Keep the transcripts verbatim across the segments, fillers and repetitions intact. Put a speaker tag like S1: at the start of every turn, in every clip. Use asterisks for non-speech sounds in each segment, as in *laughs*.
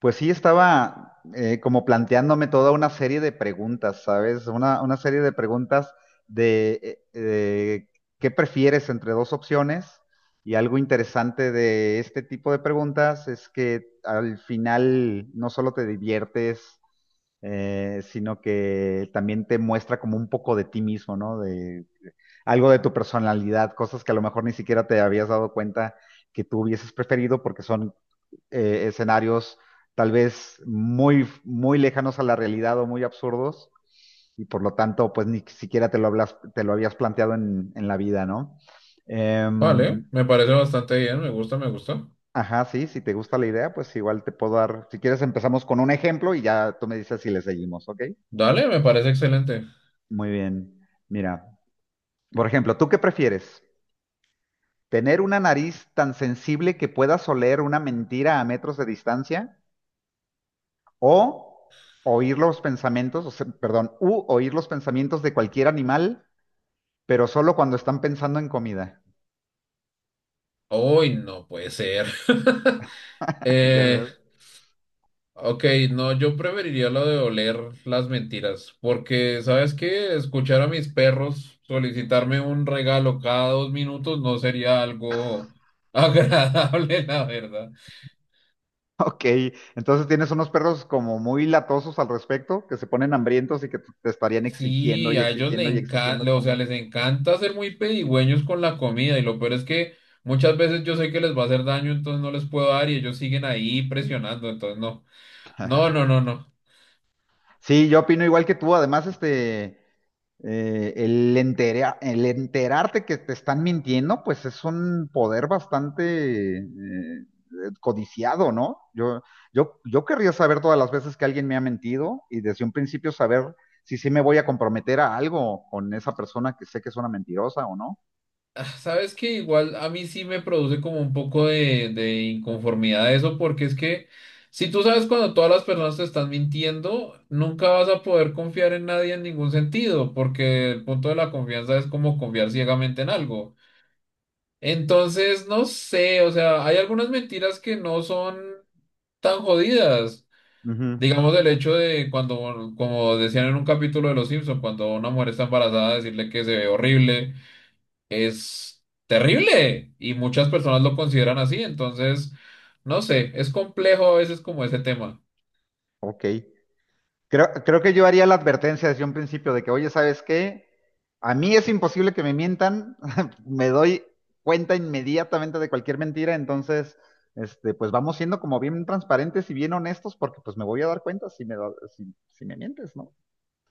S1: Pues sí, estaba eh, como planteándome toda una serie de preguntas, ¿sabes? Una, una serie de preguntas de eh, eh, qué prefieres entre dos opciones. Y algo interesante de este tipo de preguntas es que al final no solo te diviertes, eh, sino que también te muestra como un poco de ti mismo, ¿no? De algo de tu personalidad, cosas que a lo mejor ni siquiera te habías dado cuenta que tú hubieses preferido porque son eh, escenarios tal vez muy, muy lejanos a la realidad o muy absurdos, y por lo tanto, pues ni siquiera te lo, hablas, te lo habías planteado en, en la vida, ¿no? Em,
S2: Vale, me parece bastante bien, me gusta, me gusta.
S1: ajá, sí, si te gusta la idea, pues igual te puedo dar, si quieres empezamos con un ejemplo y ya tú me dices si le seguimos, ¿ok?
S2: Dale, me parece excelente.
S1: Muy bien. Mira, por ejemplo, ¿tú qué prefieres? ¿Tener una nariz tan sensible que puedas oler una mentira a metros de distancia? ¿O oír los pensamientos, o sea, perdón, u oír los pensamientos de cualquier animal, pero solo cuando están pensando en comida?
S2: Uy, no puede ser. *laughs*
S1: *laughs* Ya
S2: Eh,
S1: ves.
S2: ok, no, yo preferiría lo de oler las mentiras, porque, ¿sabes qué? Escuchar a mis perros solicitarme un regalo cada dos minutos no sería algo *laughs* agradable, la verdad.
S1: Ok, entonces tienes unos perros como muy latosos al respecto, que se ponen hambrientos y que te estarían exigiendo
S2: Sí,
S1: y
S2: a ellos
S1: exigiendo
S2: les
S1: y exigiendo
S2: encanta, o sea,
S1: comida.
S2: les encanta ser muy pedigüeños con la comida y lo peor es que muchas veces yo sé que les va a hacer daño, entonces no les puedo dar y ellos siguen ahí presionando, entonces no, no,
S1: *laughs*
S2: no, no, no.
S1: Sí, yo opino igual que tú. Además, este, eh, el entera- el enterarte que te están mintiendo, pues es un poder bastante eh, codiciado, ¿no? Yo, yo, yo querría saber todas las veces que alguien me ha mentido y desde un principio saber si sí me voy a comprometer a algo con esa persona que sé que es una mentirosa o no.
S2: Ah, sabes que igual a mí sí me produce como un poco de, de inconformidad eso porque es que si tú sabes cuando todas las personas te están mintiendo, nunca vas a poder confiar en nadie en ningún sentido porque el punto de la confianza es como confiar ciegamente en algo. Entonces, no sé, o sea, hay algunas mentiras que no son tan jodidas.
S1: Ujú.
S2: Digamos el hecho de cuando, como decían en un capítulo de Los Simpson, cuando una mujer está embarazada, decirle que se ve horrible es terrible y muchas personas lo consideran así. Entonces, no sé, es complejo a veces como ese tema.
S1: Ok. Creo, creo que yo haría la advertencia desde un principio de que, oye, ¿sabes qué? A mí es imposible que me mientan, *laughs* me doy cuenta inmediatamente de cualquier mentira, entonces, este, pues vamos siendo como bien transparentes y bien honestos porque pues me voy a dar cuenta si me, da- si, si me mientes, ¿no?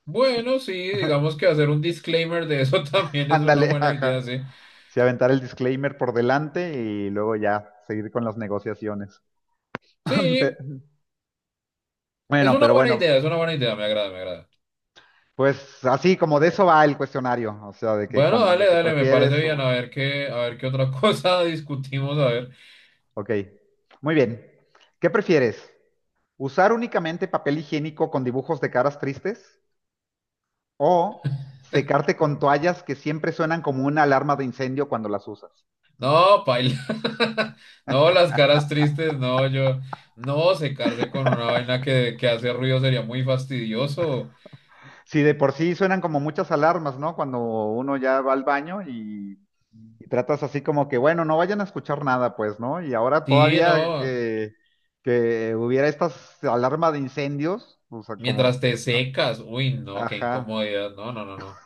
S2: Bueno, sí, digamos
S1: *laughs*
S2: que hacer un disclaimer de eso *laughs* también es una
S1: Ándale,
S2: buena idea,
S1: ajá.
S2: sí.
S1: Si aventar el disclaimer por delante y luego ya seguir con las negociaciones. *laughs*
S2: Sí,
S1: Pe-
S2: es
S1: Bueno,
S2: una
S1: pero
S2: buena
S1: bueno,
S2: idea, es una buena idea, me agrada, me agrada.
S1: pues así como de eso va el cuestionario, o sea, de que,
S2: Bueno,
S1: como,
S2: dale,
S1: de que
S2: dale, me parece
S1: prefieres.
S2: bien. A ver qué, a ver qué otra cosa *laughs* discutimos, a ver.
S1: Ok, muy bien. ¿Qué prefieres? ¿Usar únicamente papel higiénico con dibujos de caras tristes o secarte con toallas que siempre suenan como una alarma de incendio cuando las usas?
S2: No, paila. *laughs* No, las caras tristes, no, yo. No, secarse con una vaina que, que hace ruido sería muy fastidioso.
S1: Si de por sí suenan como muchas alarmas, ¿no? Cuando uno ya va al baño y, y tratas así como que, bueno, no vayan a escuchar nada, pues, ¿no? Y ahora
S2: Sí,
S1: todavía
S2: no.
S1: que, que hubiera estas alarmas de incendios, o sea,
S2: Mientras
S1: como,
S2: te
S1: no,
S2: secas. Uy, no, qué
S1: ajá.
S2: incomodidad. No, no, no, no.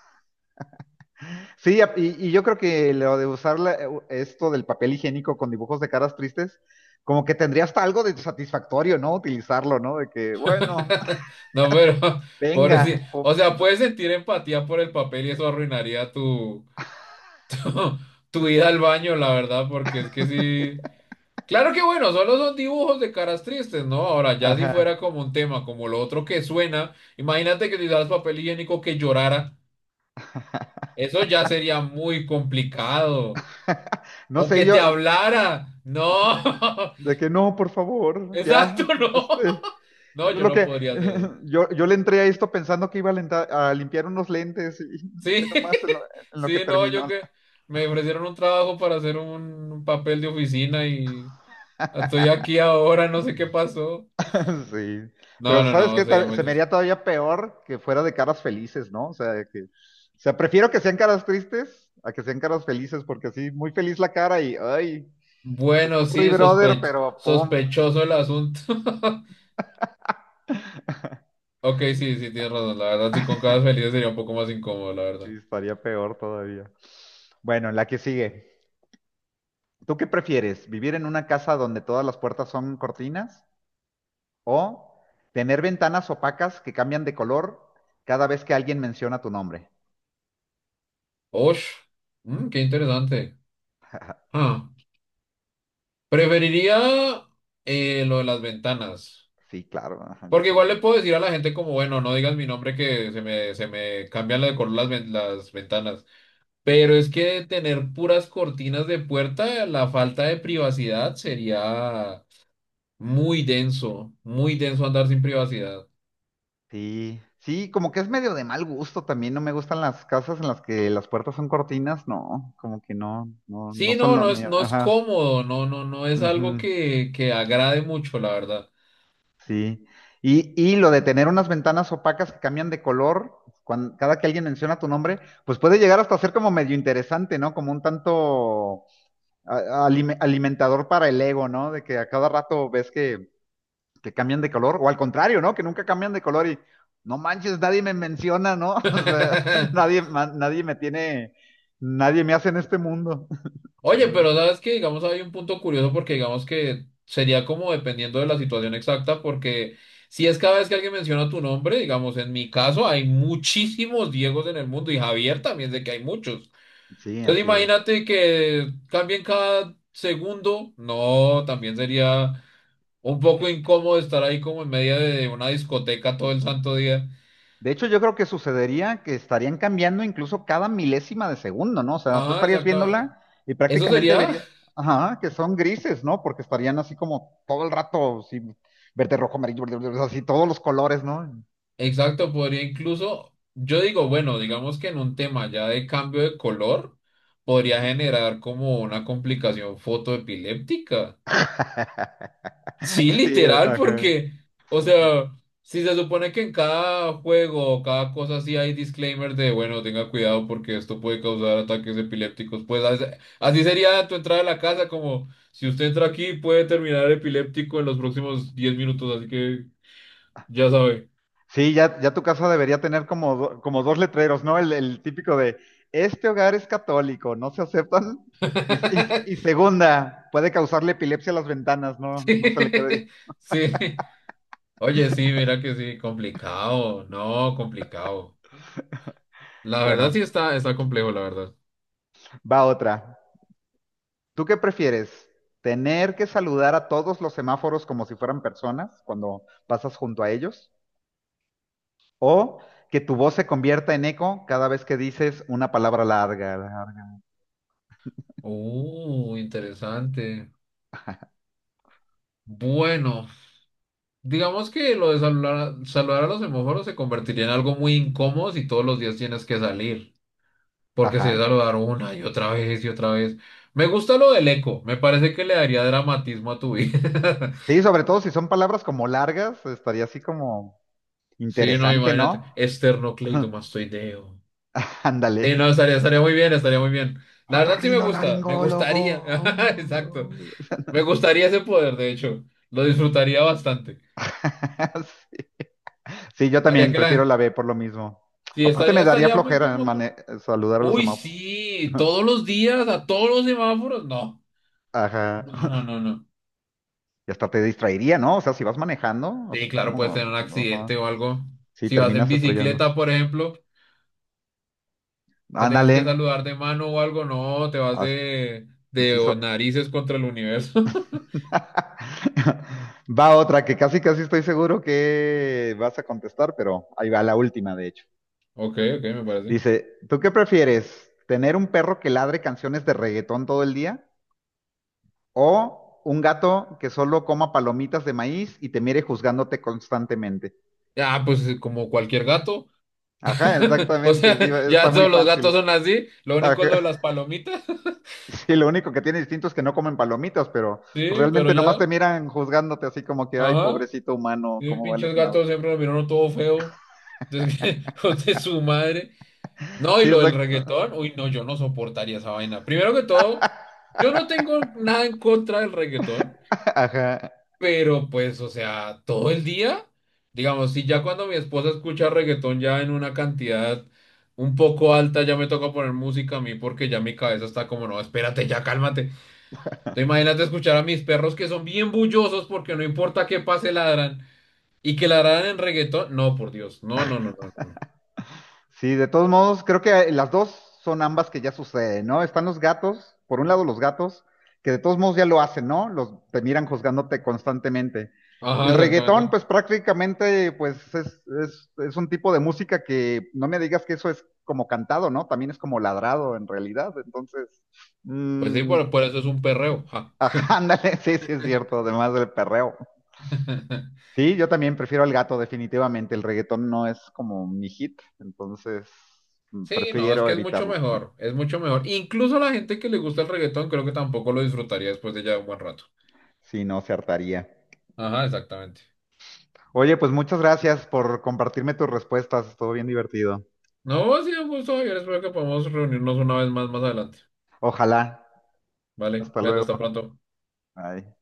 S1: Sí, ap- y, y yo creo que lo de usar la- esto del papel higiénico con dibujos de caras tristes, como que tendría hasta algo de satisfactorio, ¿no? Utilizarlo, ¿no? De que, bueno,
S2: *laughs* No, pero, *laughs*
S1: venga,
S2: pobrecito. O
S1: po-
S2: sea, puedes sentir empatía por el papel y eso arruinaría tu, *laughs* tu ida al baño, la verdad, porque es que sí. Claro que bueno, solo son dibujos de caras tristes, ¿no? Ahora, ya si
S1: ajá.
S2: fuera como un tema, como lo otro que suena, imagínate que utilizaras papel higiénico que llorara, eso ya sería muy complicado.
S1: *laughs* No
S2: O
S1: sé,
S2: que te
S1: yo,
S2: hablara, no, *laughs*
S1: de que no, por favor,
S2: exacto,
S1: ya,
S2: no,
S1: este,
S2: no,
S1: yo
S2: yo
S1: lo
S2: no
S1: que,
S2: podría hacer eso.
S1: *laughs* yo, yo le entré a esto pensando que iba a, lenta- a limpiar unos lentes y *laughs* ve
S2: Sí, *laughs*
S1: nomás en lo, en lo que
S2: sí, no,
S1: terminó.
S2: yo que me ofrecieron un trabajo para hacer un papel de oficina y estoy aquí ahora, no sé qué pasó.
S1: *laughs* Sí,
S2: No,
S1: pero
S2: no,
S1: ¿sabes
S2: no,
S1: qué?
S2: sería
S1: Ta-
S2: muy
S1: Se me
S2: triste.
S1: haría todavía peor que fuera de caras felices, ¿no? O sea, que, o sea, prefiero que sean caras tristes a que sean caras felices, porque así, muy feliz la cara y, ay, pues,
S2: Bueno,
S1: sorry,
S2: sí,
S1: brother,
S2: sospech-
S1: pero pum,
S2: sospechoso el asunto. *laughs* Ok, sí, sí, tienes razón. La verdad, sí, con caras felices sería un poco más incómodo, la verdad.
S1: sí, estaría peor todavía. Bueno, la que sigue. ¿Tú qué prefieres? ¿Vivir en una casa donde todas las puertas son cortinas o tener ventanas opacas que cambian de color cada vez que alguien menciona tu nombre?
S2: Osh, mm, qué interesante.
S1: *laughs*
S2: Ah, preferiría eh, lo de las ventanas.
S1: Sí, claro, ajá, yo
S2: Porque igual le
S1: también.
S2: puedo decir a la gente como, bueno, no digas mi nombre que se me, se me cambian de color las, ven- las ventanas. Pero es que tener puras cortinas de puerta, la falta de privacidad sería muy denso, muy denso andar sin privacidad.
S1: Sí, sí, como que es medio de mal gusto también. No me gustan las casas en las que las puertas son cortinas, no, como que no, no, no
S2: Sí,
S1: son
S2: no,
S1: lo
S2: no es,
S1: mío.
S2: no es
S1: Ajá,
S2: cómodo, no, no, no es algo
S1: ujú,
S2: que, que agrade mucho, la verdad.
S1: sí. Y, y lo de tener unas ventanas opacas que cambian de color, cuando, cada que alguien menciona tu nombre, pues puede llegar hasta ser como medio interesante, ¿no? Como un tanto a- alime- alimentador para el ego, ¿no? De que a cada rato ves que que cambian de color, o al contrario, ¿no? Que nunca cambian de color y no manches, nadie me menciona, ¿no? O sea, *laughs*
S2: *laughs*
S1: nadie, ma- nadie me tiene, nadie me hace en este mundo *laughs*
S2: Oye,
S1: también.
S2: pero sabes que, digamos, hay un punto curioso porque digamos que sería como dependiendo de la situación exacta, porque si es cada vez que alguien menciona tu nombre, digamos, en mi caso hay muchísimos Diegos en el mundo y Javier también sé que hay muchos.
S1: Sí,
S2: Entonces
S1: así es.
S2: imagínate que cambien cada segundo, no, también sería un poco incómodo estar ahí como en medio de una discoteca todo el santo día.
S1: De hecho, yo creo que sucedería que estarían cambiando incluso cada milésima de segundo, ¿no? O sea, tú
S2: Ajá,
S1: estarías
S2: exacto.
S1: viéndola y
S2: Eso
S1: prácticamente
S2: sería,
S1: verías, ajá, que son grises, ¿no? Porque estarían así como todo el rato, sí, verde, rojo, amarillo, verde, verde, así todos los colores, ¿no?
S2: exacto, podría incluso, yo digo, bueno, digamos que en un tema ya de cambio de color, podría
S1: Uh.
S2: generar como una complicación fotoepiléptica. Sí,
S1: *laughs* Sí,
S2: literal,
S1: ajá.
S2: porque, o sea, si se supone que en cada juego o cada cosa así hay disclaimer de, bueno, tenga cuidado porque esto puede causar ataques epilépticos, pues as- así sería tu entrada a la casa, como si usted entra aquí puede terminar epiléptico en los próximos diez minutos, así que ya sabe.
S1: Sí, ya, ya tu casa debería tener como, do- como dos letreros, ¿no? El, el típico de, este hogar es católico, no se aceptan. Y, se- y se- y
S2: *laughs*
S1: segunda, puede causarle epilepsia a las ventanas, ¿no? No se le quede.
S2: Sí, sí. Oye, sí, mira que sí, complicado. No, complicado. La verdad
S1: Bueno,
S2: sí está, está complejo, la verdad.
S1: va otra. ¿Tú qué prefieres? ¿Tener que saludar a todos los semáforos como si fueran personas cuando pasas junto a ellos? ¿O que tu voz se convierta en eco cada vez que dices una palabra larga? larga?
S2: Uh, interesante.
S1: *laughs*
S2: Bueno, digamos que lo de saludar, a- saludar a los semáforos se convertiría en algo muy incómodo si todos los días tienes que salir. Porque si es
S1: Ajá.
S2: saludar una y otra vez y otra vez. Me gusta lo del eco. Me parece que le daría dramatismo a tu vida. *laughs*
S1: Sí, sobre todo si son palabras como largas, estaría así como...
S2: Sí, no,
S1: Interesante,
S2: imagínate.
S1: ¿no? *laughs*
S2: Esternocleidomastoideo.
S1: Ándale.
S2: Sí, no, estaría, estaría muy bien, estaría muy bien. La verdad sí me gusta, me
S1: Otorrinolaringólogo.
S2: gustaría, *laughs* exacto, me gustaría ese poder, de hecho, lo disfrutaría bastante.
S1: *laughs* Sí, yo
S2: Haría
S1: también
S2: que
S1: prefiero
S2: la...
S1: la B por lo mismo.
S2: Sí,
S1: Aparte me
S2: estaría,
S1: daría
S2: estaría muy
S1: flojera
S2: como...
S1: mane- saludar a los
S2: Uy,
S1: semáforos.
S2: sí,
S1: *laughs*
S2: todos los días, a todos los semáforos, no,
S1: Ajá.
S2: no, no, no, no.
S1: Y hasta te distraería, ¿no? O sea, si vas manejando,
S2: Sí,
S1: así
S2: claro, puedes
S1: como...
S2: tener un
S1: no, ajá.
S2: accidente o algo.
S1: Sí,
S2: Si vas en
S1: terminas estrellando.
S2: bicicleta, por ejemplo, que tengas
S1: Ándale.
S2: que saludar de mano o algo, no, te vas
S1: As-
S2: de,
S1: Así
S2: de
S1: so-
S2: narices contra el universo. *laughs*
S1: *laughs* Va otra que casi casi estoy seguro que vas a contestar, pero ahí va la última, de hecho.
S2: Ok, ok, me parece.
S1: Dice, ¿tú qué prefieres? ¿Tener un perro que ladre canciones de reggaetón todo el día? ¿O un gato que solo coma palomitas de maíz y te mire juzgándote constantemente?
S2: Ah, pues como cualquier gato.
S1: Ajá,
S2: *laughs* O
S1: exactamente,
S2: sea,
S1: sí, está
S2: ya
S1: muy
S2: todos los gatos
S1: fácil.
S2: son así. Lo único es lo de
S1: Ajá. *laughs*
S2: las palomitas. *laughs*
S1: Sí, lo único que tiene distinto es que no comen palomitas, pero pues,
S2: Sí, pero
S1: realmente nomás te
S2: ya.
S1: miran juzgándote así como que, ay,
S2: Ajá.
S1: pobrecito humano,
S2: Y
S1: ¿cómo
S2: pinches
S1: vales madre?
S2: gatos siempre lo miraron todo feo. Entonces, *laughs* hijos de su madre. No, y
S1: Sí,
S2: lo del
S1: exacto.
S2: reggaetón. Uy, no, yo no soportaría esa vaina. Primero que todo, yo no tengo nada en contra del reggaetón.
S1: *laughs* Ajá.
S2: Pero pues, o sea, todo el día. Digamos, si ya cuando mi esposa escucha reggaetón ya en una cantidad un poco alta, ya me toca poner música a mí porque ya mi cabeza está como, no, espérate, ya cálmate. Te imagínate escuchar a mis perros que son bien bullosos porque no importa qué pase ladran y que ladraran en reggaetón. No, por Dios. No, no, no, no, no. No.
S1: Sí, de todos modos, creo que las dos son ambas que ya suceden, ¿no? Están los gatos, por un lado los gatos, que de todos modos ya lo hacen, ¿no? Los, te miran juzgándote constantemente. Y el
S2: Ajá,
S1: reggaetón,
S2: exactamente.
S1: pues prácticamente, pues es, es, es un tipo de música que no me digas que eso es como cantado, ¿no? También es como ladrado en realidad. Entonces,
S2: Pues sí,
S1: mm,
S2: por, por eso es un perreo. Ja.
S1: ajá, *laughs* ándale, sí, sí es cierto, además del perreo.
S2: *laughs*
S1: Sí, yo también prefiero al gato, definitivamente. El reggaetón no es como mi hit, entonces mm,
S2: Sí, no, es
S1: prefiero
S2: que es mucho
S1: evitarlo.
S2: mejor. Es mucho mejor. Incluso la gente que le gusta el reggaetón creo que tampoco lo disfrutaría después de ya un buen rato.
S1: Si no, se hartaría.
S2: Ajá, exactamente.
S1: Oye, pues muchas gracias por compartirme tus respuestas. Estuvo bien divertido.
S2: No, ha sido un gusto, Javier. Espero que podamos reunirnos una vez más más adelante.
S1: Ojalá.
S2: Vale,
S1: Hasta
S2: cuídate,
S1: luego.
S2: hasta pronto.
S1: Bye.